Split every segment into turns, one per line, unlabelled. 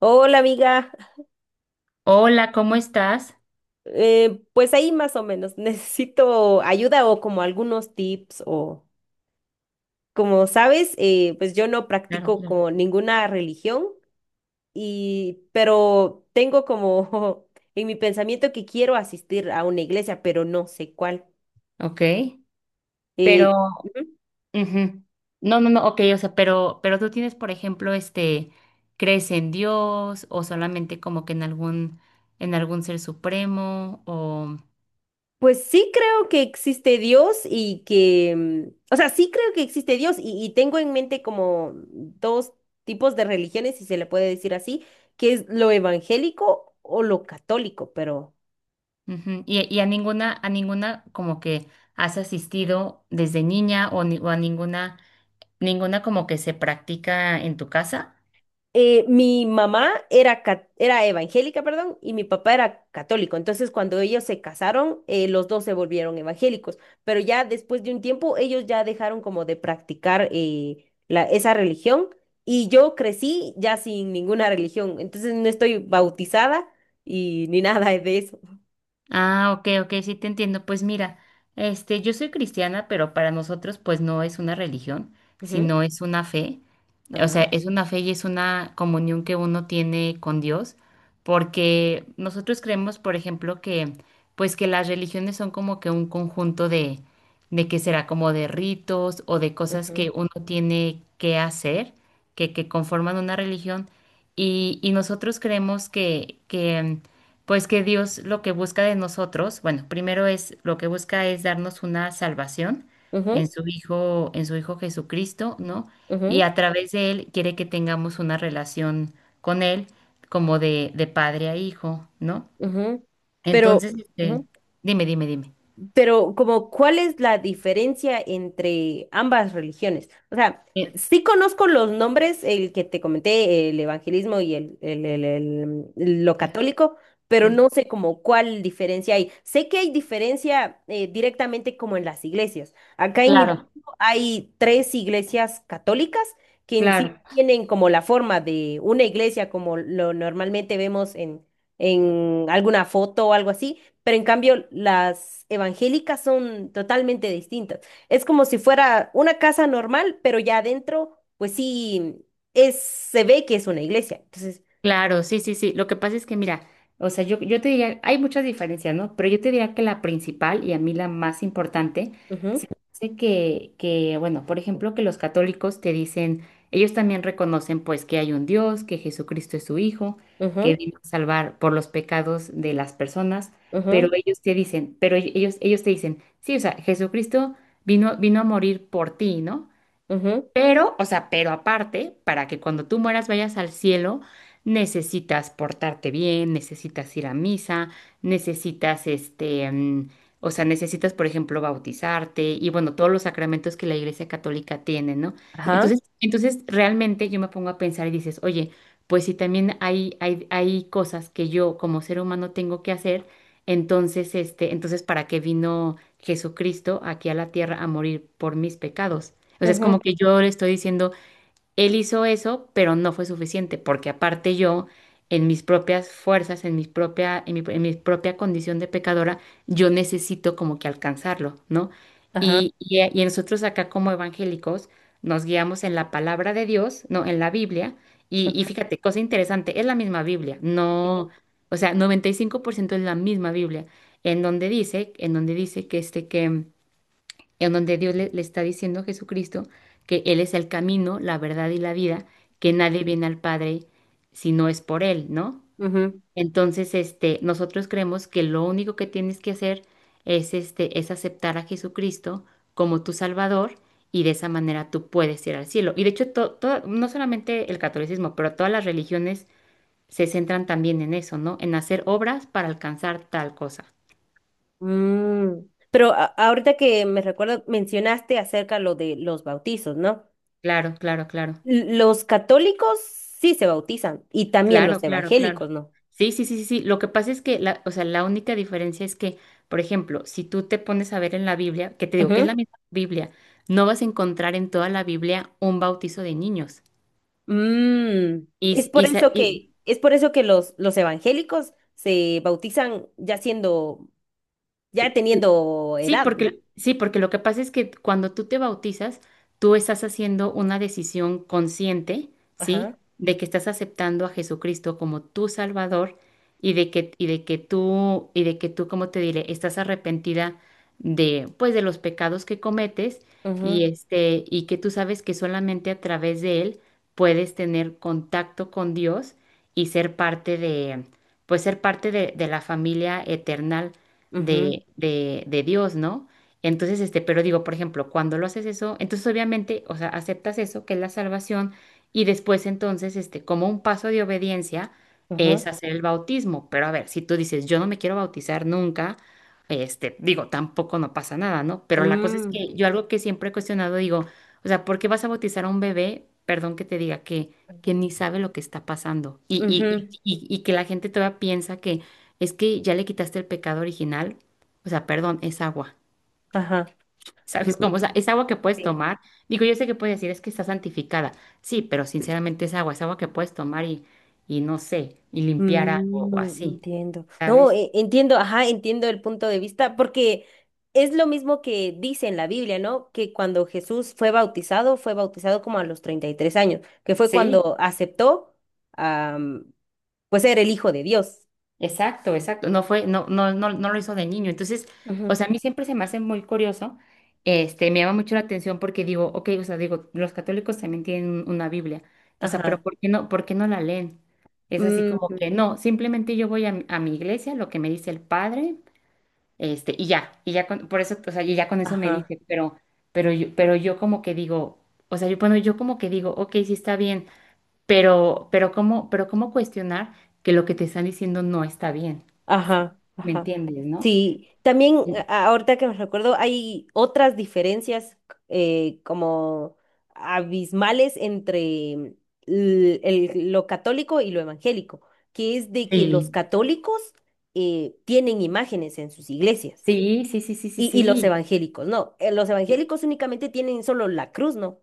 Hola amiga,
Hola, ¿cómo estás?
Pues ahí más o menos necesito ayuda o como algunos tips o como sabes, pues yo no
Claro,
practico
claro.
como ninguna religión pero tengo como en mi pensamiento que quiero asistir a una iglesia, pero no sé cuál.
Ok.
Eh,
Pero,
Ujú.
ujú. No, no, no, ok, o sea, pero tú tienes, por ejemplo, este, ¿crees en Dios o solamente como que en algún ser supremo o,
Pues sí creo que existe Dios y que, o sea, sí creo que existe Dios y tengo en mente como dos tipos de religiones, si se le puede decir así, que es lo evangélico o lo católico, pero.
ujú, Y a ninguna, como que has asistido desde niña o, o a ninguna, ninguna como que se practica en tu casa?
Mi mamá era evangélica, perdón, y mi papá era católico. Entonces, cuando ellos se casaron, los dos se volvieron evangélicos. Pero ya después de un tiempo, ellos ya dejaron como de practicar esa religión. Y yo crecí ya sin ninguna religión. Entonces, no estoy bautizada y ni nada de eso.
Ah, ok, ok, sí te entiendo. Pues mira, este, yo soy cristiana, pero para nosotros pues no es una religión,
Ujú,
sino es una fe. O
ajá,
sea, es una fe y es una comunión que uno tiene con Dios, porque nosotros creemos, por ejemplo, que pues que las religiones son como que un conjunto de que será como de ritos o de cosas
ujú,
que uno tiene que hacer, que conforman una religión. Y nosotros creemos que, pues que Dios lo que busca de nosotros, bueno, primero es lo que busca es darnos una salvación
ujú,
en su Hijo Jesucristo, ¿no? Y a través de Él quiere que tengamos una relación con Él como de padre a hijo, ¿no?
ujú, ujú. Pero,
Entonces, este,
ujú.
dime, dime, dime.
Pero como, ¿cuál es la diferencia entre ambas religiones? O sea,
Eh,
sí conozco los nombres, el que te comenté, el evangelismo y lo católico, pero
Sí,
no sé como cuál diferencia hay. Sé que hay diferencia directamente como en las iglesias. Acá en mi
Claro,
pueblo hay tres iglesias católicas que en sí
claro.
tienen como la forma de una iglesia como lo normalmente vemos en alguna foto o algo así, pero en cambio, las evangélicas son totalmente distintas. Es como si fuera una casa normal, pero ya adentro, pues sí, se ve que es una iglesia. Entonces.
Claro, sí, sí, sí. Lo que pasa es que, mira, o sea, yo te diría, hay muchas diferencias, ¿no? Pero yo te diría que la principal y a mí la más importante, se
Ujú,
me hace que, bueno, por ejemplo, que los católicos te dicen, ellos también reconocen, pues, que hay un Dios, que Jesucristo es su Hijo, que
ujú,
vino a salvar por los pecados de las personas, pero
ujú,
ellos te dicen, pero ellos te dicen, sí, o sea, Jesucristo vino, vino a morir por ti, ¿no?
ujú,
Pero, o sea, pero aparte, para que cuando tú mueras vayas al cielo, necesitas portarte bien, necesitas ir a misa, necesitas este, o sea, necesitas, por ejemplo, bautizarte y bueno, todos los sacramentos que la Iglesia Católica tiene, ¿no?
ajá,
Entonces, entonces realmente yo me pongo a pensar y dices, oye, pues si también hay cosas que yo como ser humano tengo que hacer, entonces, este, entonces, ¿para qué vino Jesucristo aquí a la tierra a morir por mis pecados? O sea, es como
ujú,
que yo le estoy diciendo, él hizo eso, pero no fue suficiente, porque aparte yo, en mis propias fuerzas, en mis propia, en mi propia condición de pecadora, yo necesito como que alcanzarlo, ¿no?
ajá,
Y nosotros acá como evangélicos nos guiamos en la palabra de Dios, ¿no? En la Biblia. Y,
ujú,
y fíjate, cosa interesante, es la misma Biblia,
sí,
no, o sea, 95% es la misma Biblia, en donde dice que este que en donde Dios le, le está diciendo a Jesucristo que Él es el camino, la verdad y la vida, que
ujú,
nadie viene al Padre si no es por Él, ¿no?
ujú,
Entonces, este, nosotros creemos que lo único que tienes que hacer es, este, es aceptar a Jesucristo como tu Salvador y de esa manera tú puedes ir al cielo. Y de hecho, no solamente el catolicismo, pero todas las religiones se centran también en eso, ¿no? En hacer obras para alcanzar tal cosa.
mm. Pero ahorita que me recuerdo, mencionaste acerca lo de los bautizos, ¿no?
Claro, claro, claro.
Los católicos sí se bautizan y también los
Claro, claro,
evangélicos,
claro.
¿no?
Sí, sí, sí, sí, sí. Lo que pasa es que, la, o sea, la única diferencia es que, por ejemplo, si tú te pones a ver en la Biblia, que te digo que es la misma Biblia, no vas a encontrar en toda la Biblia un bautizo de niños.
Mm,
Y,
es
s-
por
y, sa-
eso
y
que, es por eso que los evangélicos se bautizan ya teniendo edad, ¿no?
Sí, porque lo que pasa es que cuando tú te bautizas, tú estás haciendo una decisión consciente, ¿sí?
Ajá.
De que estás aceptando a Jesucristo como tu Salvador y de que tú, como te diré, estás arrepentida de, pues, de los pecados que cometes y
Ujú,
este, y que tú sabes que solamente a través de Él puedes tener contacto con Dios y ser parte de, pues, ser parte de la familia eterna
ujú,
de Dios, ¿no? Entonces, este, pero digo, por ejemplo, cuando lo haces eso, entonces obviamente, o sea, aceptas eso, que es la salvación, y después entonces, este, como un paso de obediencia, es
ujú,
hacer el bautismo. Pero a ver, si tú dices, yo no me quiero bautizar nunca, este, digo, tampoco no pasa nada, ¿no? Pero la cosa es
mm,
que yo algo que siempre he cuestionado, digo, o sea, ¿por qué vas a bautizar a un bebé? Perdón que te diga que ni sabe lo que está pasando
ujú.
y que la gente todavía piensa es que ya le quitaste el pecado original, o sea, perdón, es agua.
Ajá. Mm,
¿Sabes cómo? O sea, es agua que puedes
sí.
tomar. Digo, yo sé que puedes decir es que está santificada. Sí, pero sinceramente es agua que puedes tomar y no sé, y limpiar algo o
mm,
así,
entiendo. No,
¿sabes?
entiendo, ajá, entiendo el punto de vista, porque es lo mismo que dice en la Biblia, ¿no? Que cuando Jesús fue bautizado como a los 33 años, que fue
Sí.
cuando aceptó. Pues era el hijo de Dios.
Exacto, exacto. No fue, no, no, no, no lo hizo de niño. Entonces, o
Ajá.
sea, a mí siempre se me hace muy curioso, este, me llama mucho la atención porque digo, ok, o sea, digo, los católicos también tienen una Biblia. O sea, pero
Ajá.
¿por qué no la leen? Es así
Mm,
como que no, simplemente yo voy a mi iglesia, lo que me dice el padre, este, y ya con, por eso, o sea, y ya con eso me
ajá.
dice, pero, pero yo como que digo, o sea, yo, bueno, yo como que digo, ok, sí está bien, pero, pero cómo cuestionar que lo que te están diciendo no está bien.
Ajá.
¿Me
Ajá.
entiendes, no?
Sí, también, ahorita que me recuerdo, hay otras diferencias como abismales entre lo católico y lo evangélico, que es de que los
Sí,
católicos tienen imágenes en sus iglesias
Sí, sí, sí, sí, sí,
y los
sí.
evangélicos no. Los evangélicos únicamente tienen solo la cruz, ¿no?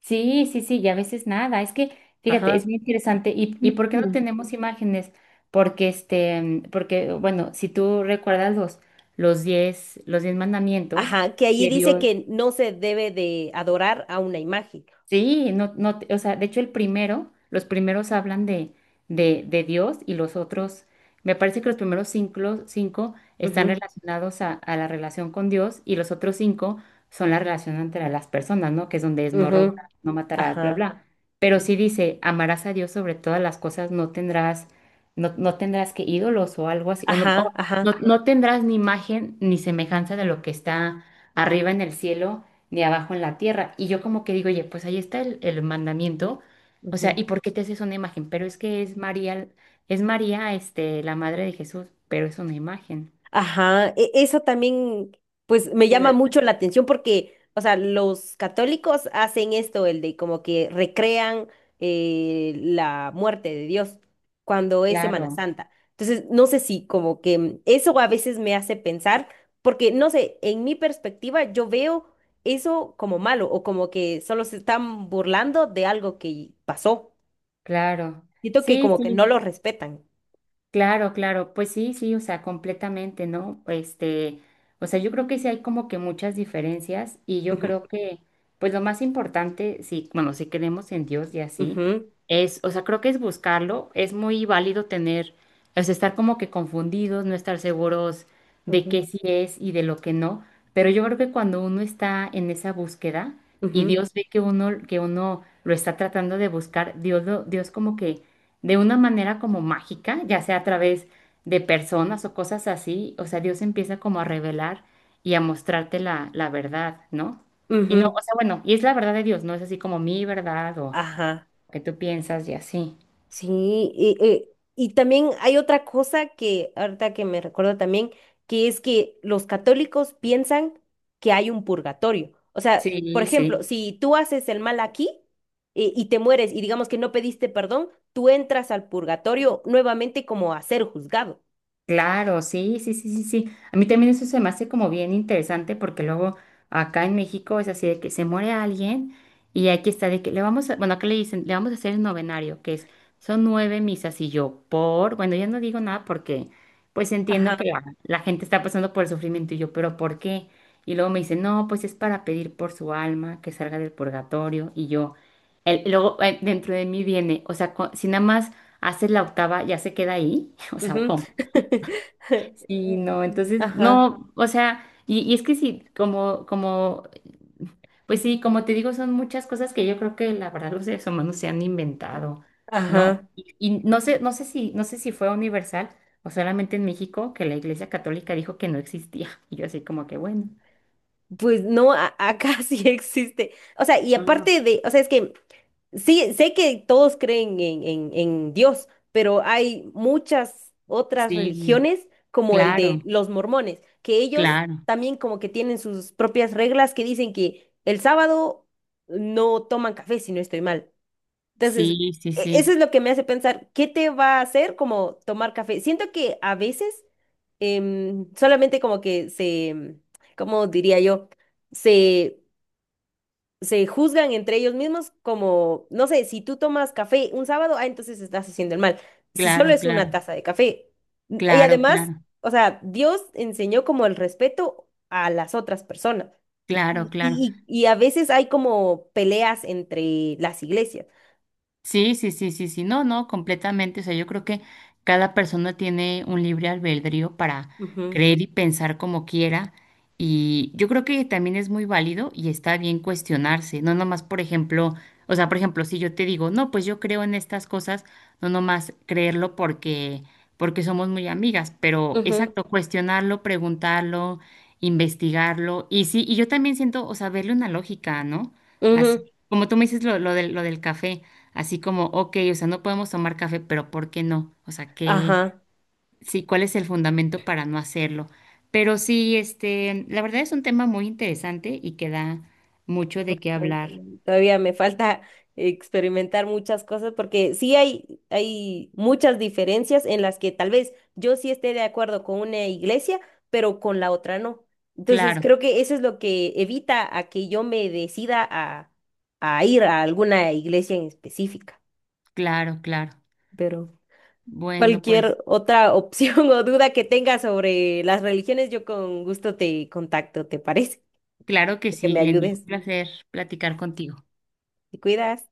Sí, sí, sí, y a veces nada. Es que, fíjate, es
Ajá.
muy interesante. Y por qué no
Ujú.
tenemos imágenes? Porque, este, porque, bueno, si tú recuerdas los, los 10 mandamientos
Ajá, que allí
que
dice
Dios,
que no se debe de adorar a una imagen.
Sí, no, no, o sea, de hecho el primero, los primeros hablan de Dios y los otros, me parece que los primeros cinco están
Ujú,
relacionados a la relación con Dios y los otros cinco son la relación entre las personas, ¿no? Que es donde es no
ujú,
robarás, no matarás, bla,
ajá,
bla. Pero sí dice, amarás a Dios sobre todas las cosas, no tendrás, no tendrás que ídolos o algo así, o no,
ajá,
o
ajá.
no tendrás ni imagen ni semejanza de lo que está arriba en el cielo de abajo en la tierra. Y yo como que digo, oye, pues ahí está el mandamiento. O sea,
Ujú.
¿y por qué te haces una imagen? Pero es que es María, este, la madre de Jesús, pero es una imagen.
Ajá, eso también, pues me llama
O
mucho la atención porque, o sea, los católicos hacen esto, el de como que recrean la muerte de Dios cuando es Semana
Claro,
Santa. Entonces, no sé si como que eso a veces me hace pensar, porque no sé, en mi perspectiva yo veo eso como malo o como que solo se están burlando de algo que pasó.
claro.
Siento que
Sí,
como que no
sí.
lo respetan.
Claro, claro, pues sí, sí, o sea, completamente, ¿no? Este, o sea, yo creo que sí hay como que muchas diferencias y yo
Ujú,
creo que, pues lo más importante, sí, bueno, si creemos en Dios y así,
ujú,
es, o sea, creo que es buscarlo, es muy válido tener, o sea, estar como que confundidos, no estar seguros de
ujú,
qué sí es y de lo que no, pero yo creo que cuando uno está en esa búsqueda y
ujú,
Dios ve que uno lo está tratando de buscar, Dios, Dios como que de una manera como mágica, ya sea a través de personas o cosas así, o sea, Dios empieza como a revelar y a mostrarte la, la verdad, ¿no? Y no,
ujú,
o sea, bueno, y es la verdad de Dios, no es así como mi verdad o
ajá.
lo que tú piensas y así.
Sí, y también hay otra cosa que ahorita que me recuerdo también, que es que los católicos piensan que hay un purgatorio. O sea, por
Sí,
ejemplo,
sí.
si tú haces el mal aquí y te mueres y digamos que no pediste perdón, tú entras al purgatorio nuevamente como a ser juzgado.
Claro, sí, sí, sí, sí, sí. A mí también eso se me hace como bien interesante porque luego acá en México es así de que se muere alguien y aquí está de que le vamos a, bueno, acá le dicen, le vamos a hacer el novenario, que es, son nueve misas y yo por, bueno, yo no digo nada porque pues
Ajá.
entiendo que la gente está pasando por el sufrimiento y yo, pero ¿por qué? Y luego me dicen, no, pues es para pedir por su alma que salga del purgatorio y yo, el, luego dentro de mí viene, o sea, si nada más haces la octava ya se queda ahí, o sea,
Ujú.
¿cómo? Sí, no, entonces,
Ajá.
no, o sea, y es que sí, como, como, pues sí, como te digo, son muchas cosas que yo creo que la verdad los seres humanos se han inventado, ¿no?
Ajá.
Y no sé, no sé si fue universal o solamente en México que la Iglesia Católica dijo que no existía. Y yo así como que, bueno.
Pues no, acá sí existe. O sea, y
Ah, ok.
aparte de, o sea, es que sí, sé que todos creen en Dios, pero hay muchas otras
Sí,
religiones, como el de
claro,
los mormones, que ellos
claro.
también como que tienen sus propias reglas que dicen que el sábado no toman café, si no estoy mal. Entonces,
Sí, sí,
eso
sí.
es lo que me hace pensar, ¿qué te va a hacer como tomar café? Siento que a veces solamente como que ¿cómo diría yo? Se, se juzgan entre ellos mismos como, no sé, si tú tomas café un sábado, ah, entonces estás haciendo el mal. Si solo
Claro,
es una
claro.
taza de café. Y
Claro,
además,
claro.
o sea, Dios enseñó como el respeto a las otras personas.
Claro,
Y,
claro.
y- y a veces hay como peleas entre las iglesias.
Sí, sí, sí, sí, sí, no, no, completamente. O sea, yo creo que cada persona tiene un libre albedrío para
Ujú,
creer y pensar como quiera. Y yo creo que también es muy válido y está bien cuestionarse. No nomás, por ejemplo, o sea, por ejemplo, si yo te digo, no, pues yo creo en estas cosas, no nomás creerlo porque, porque somos muy amigas, pero
ujú.
exacto, cuestionarlo, preguntarlo, investigarlo. Y sí, y yo también siento, o sea, verle una lógica, ¿no?
Ujú,
Así, como tú me dices lo del café, así como, ok, o sea, no podemos tomar café, pero ¿por qué no? O sea, qué
ajá,
sí, ¿cuál es el fundamento para no hacerlo? Pero sí, este, la verdad es un tema muy interesante y que da mucho de qué
yo
hablar.
también. Todavía me falta experimentar muchas cosas porque sí hay muchas diferencias en las que tal vez yo sí esté de acuerdo con una iglesia, pero con la otra no. Entonces
Claro,
creo que eso es lo que evita a que yo me decida a ir a alguna iglesia en específica.
claro, claro.
Pero
Bueno, pues,
cualquier otra opción o duda que tengas sobre las religiones, yo con gusto te contacto, ¿te parece?
claro que
Que
sí,
me
Glendy, un
ayudes.
placer platicar contigo.
Te cuidas.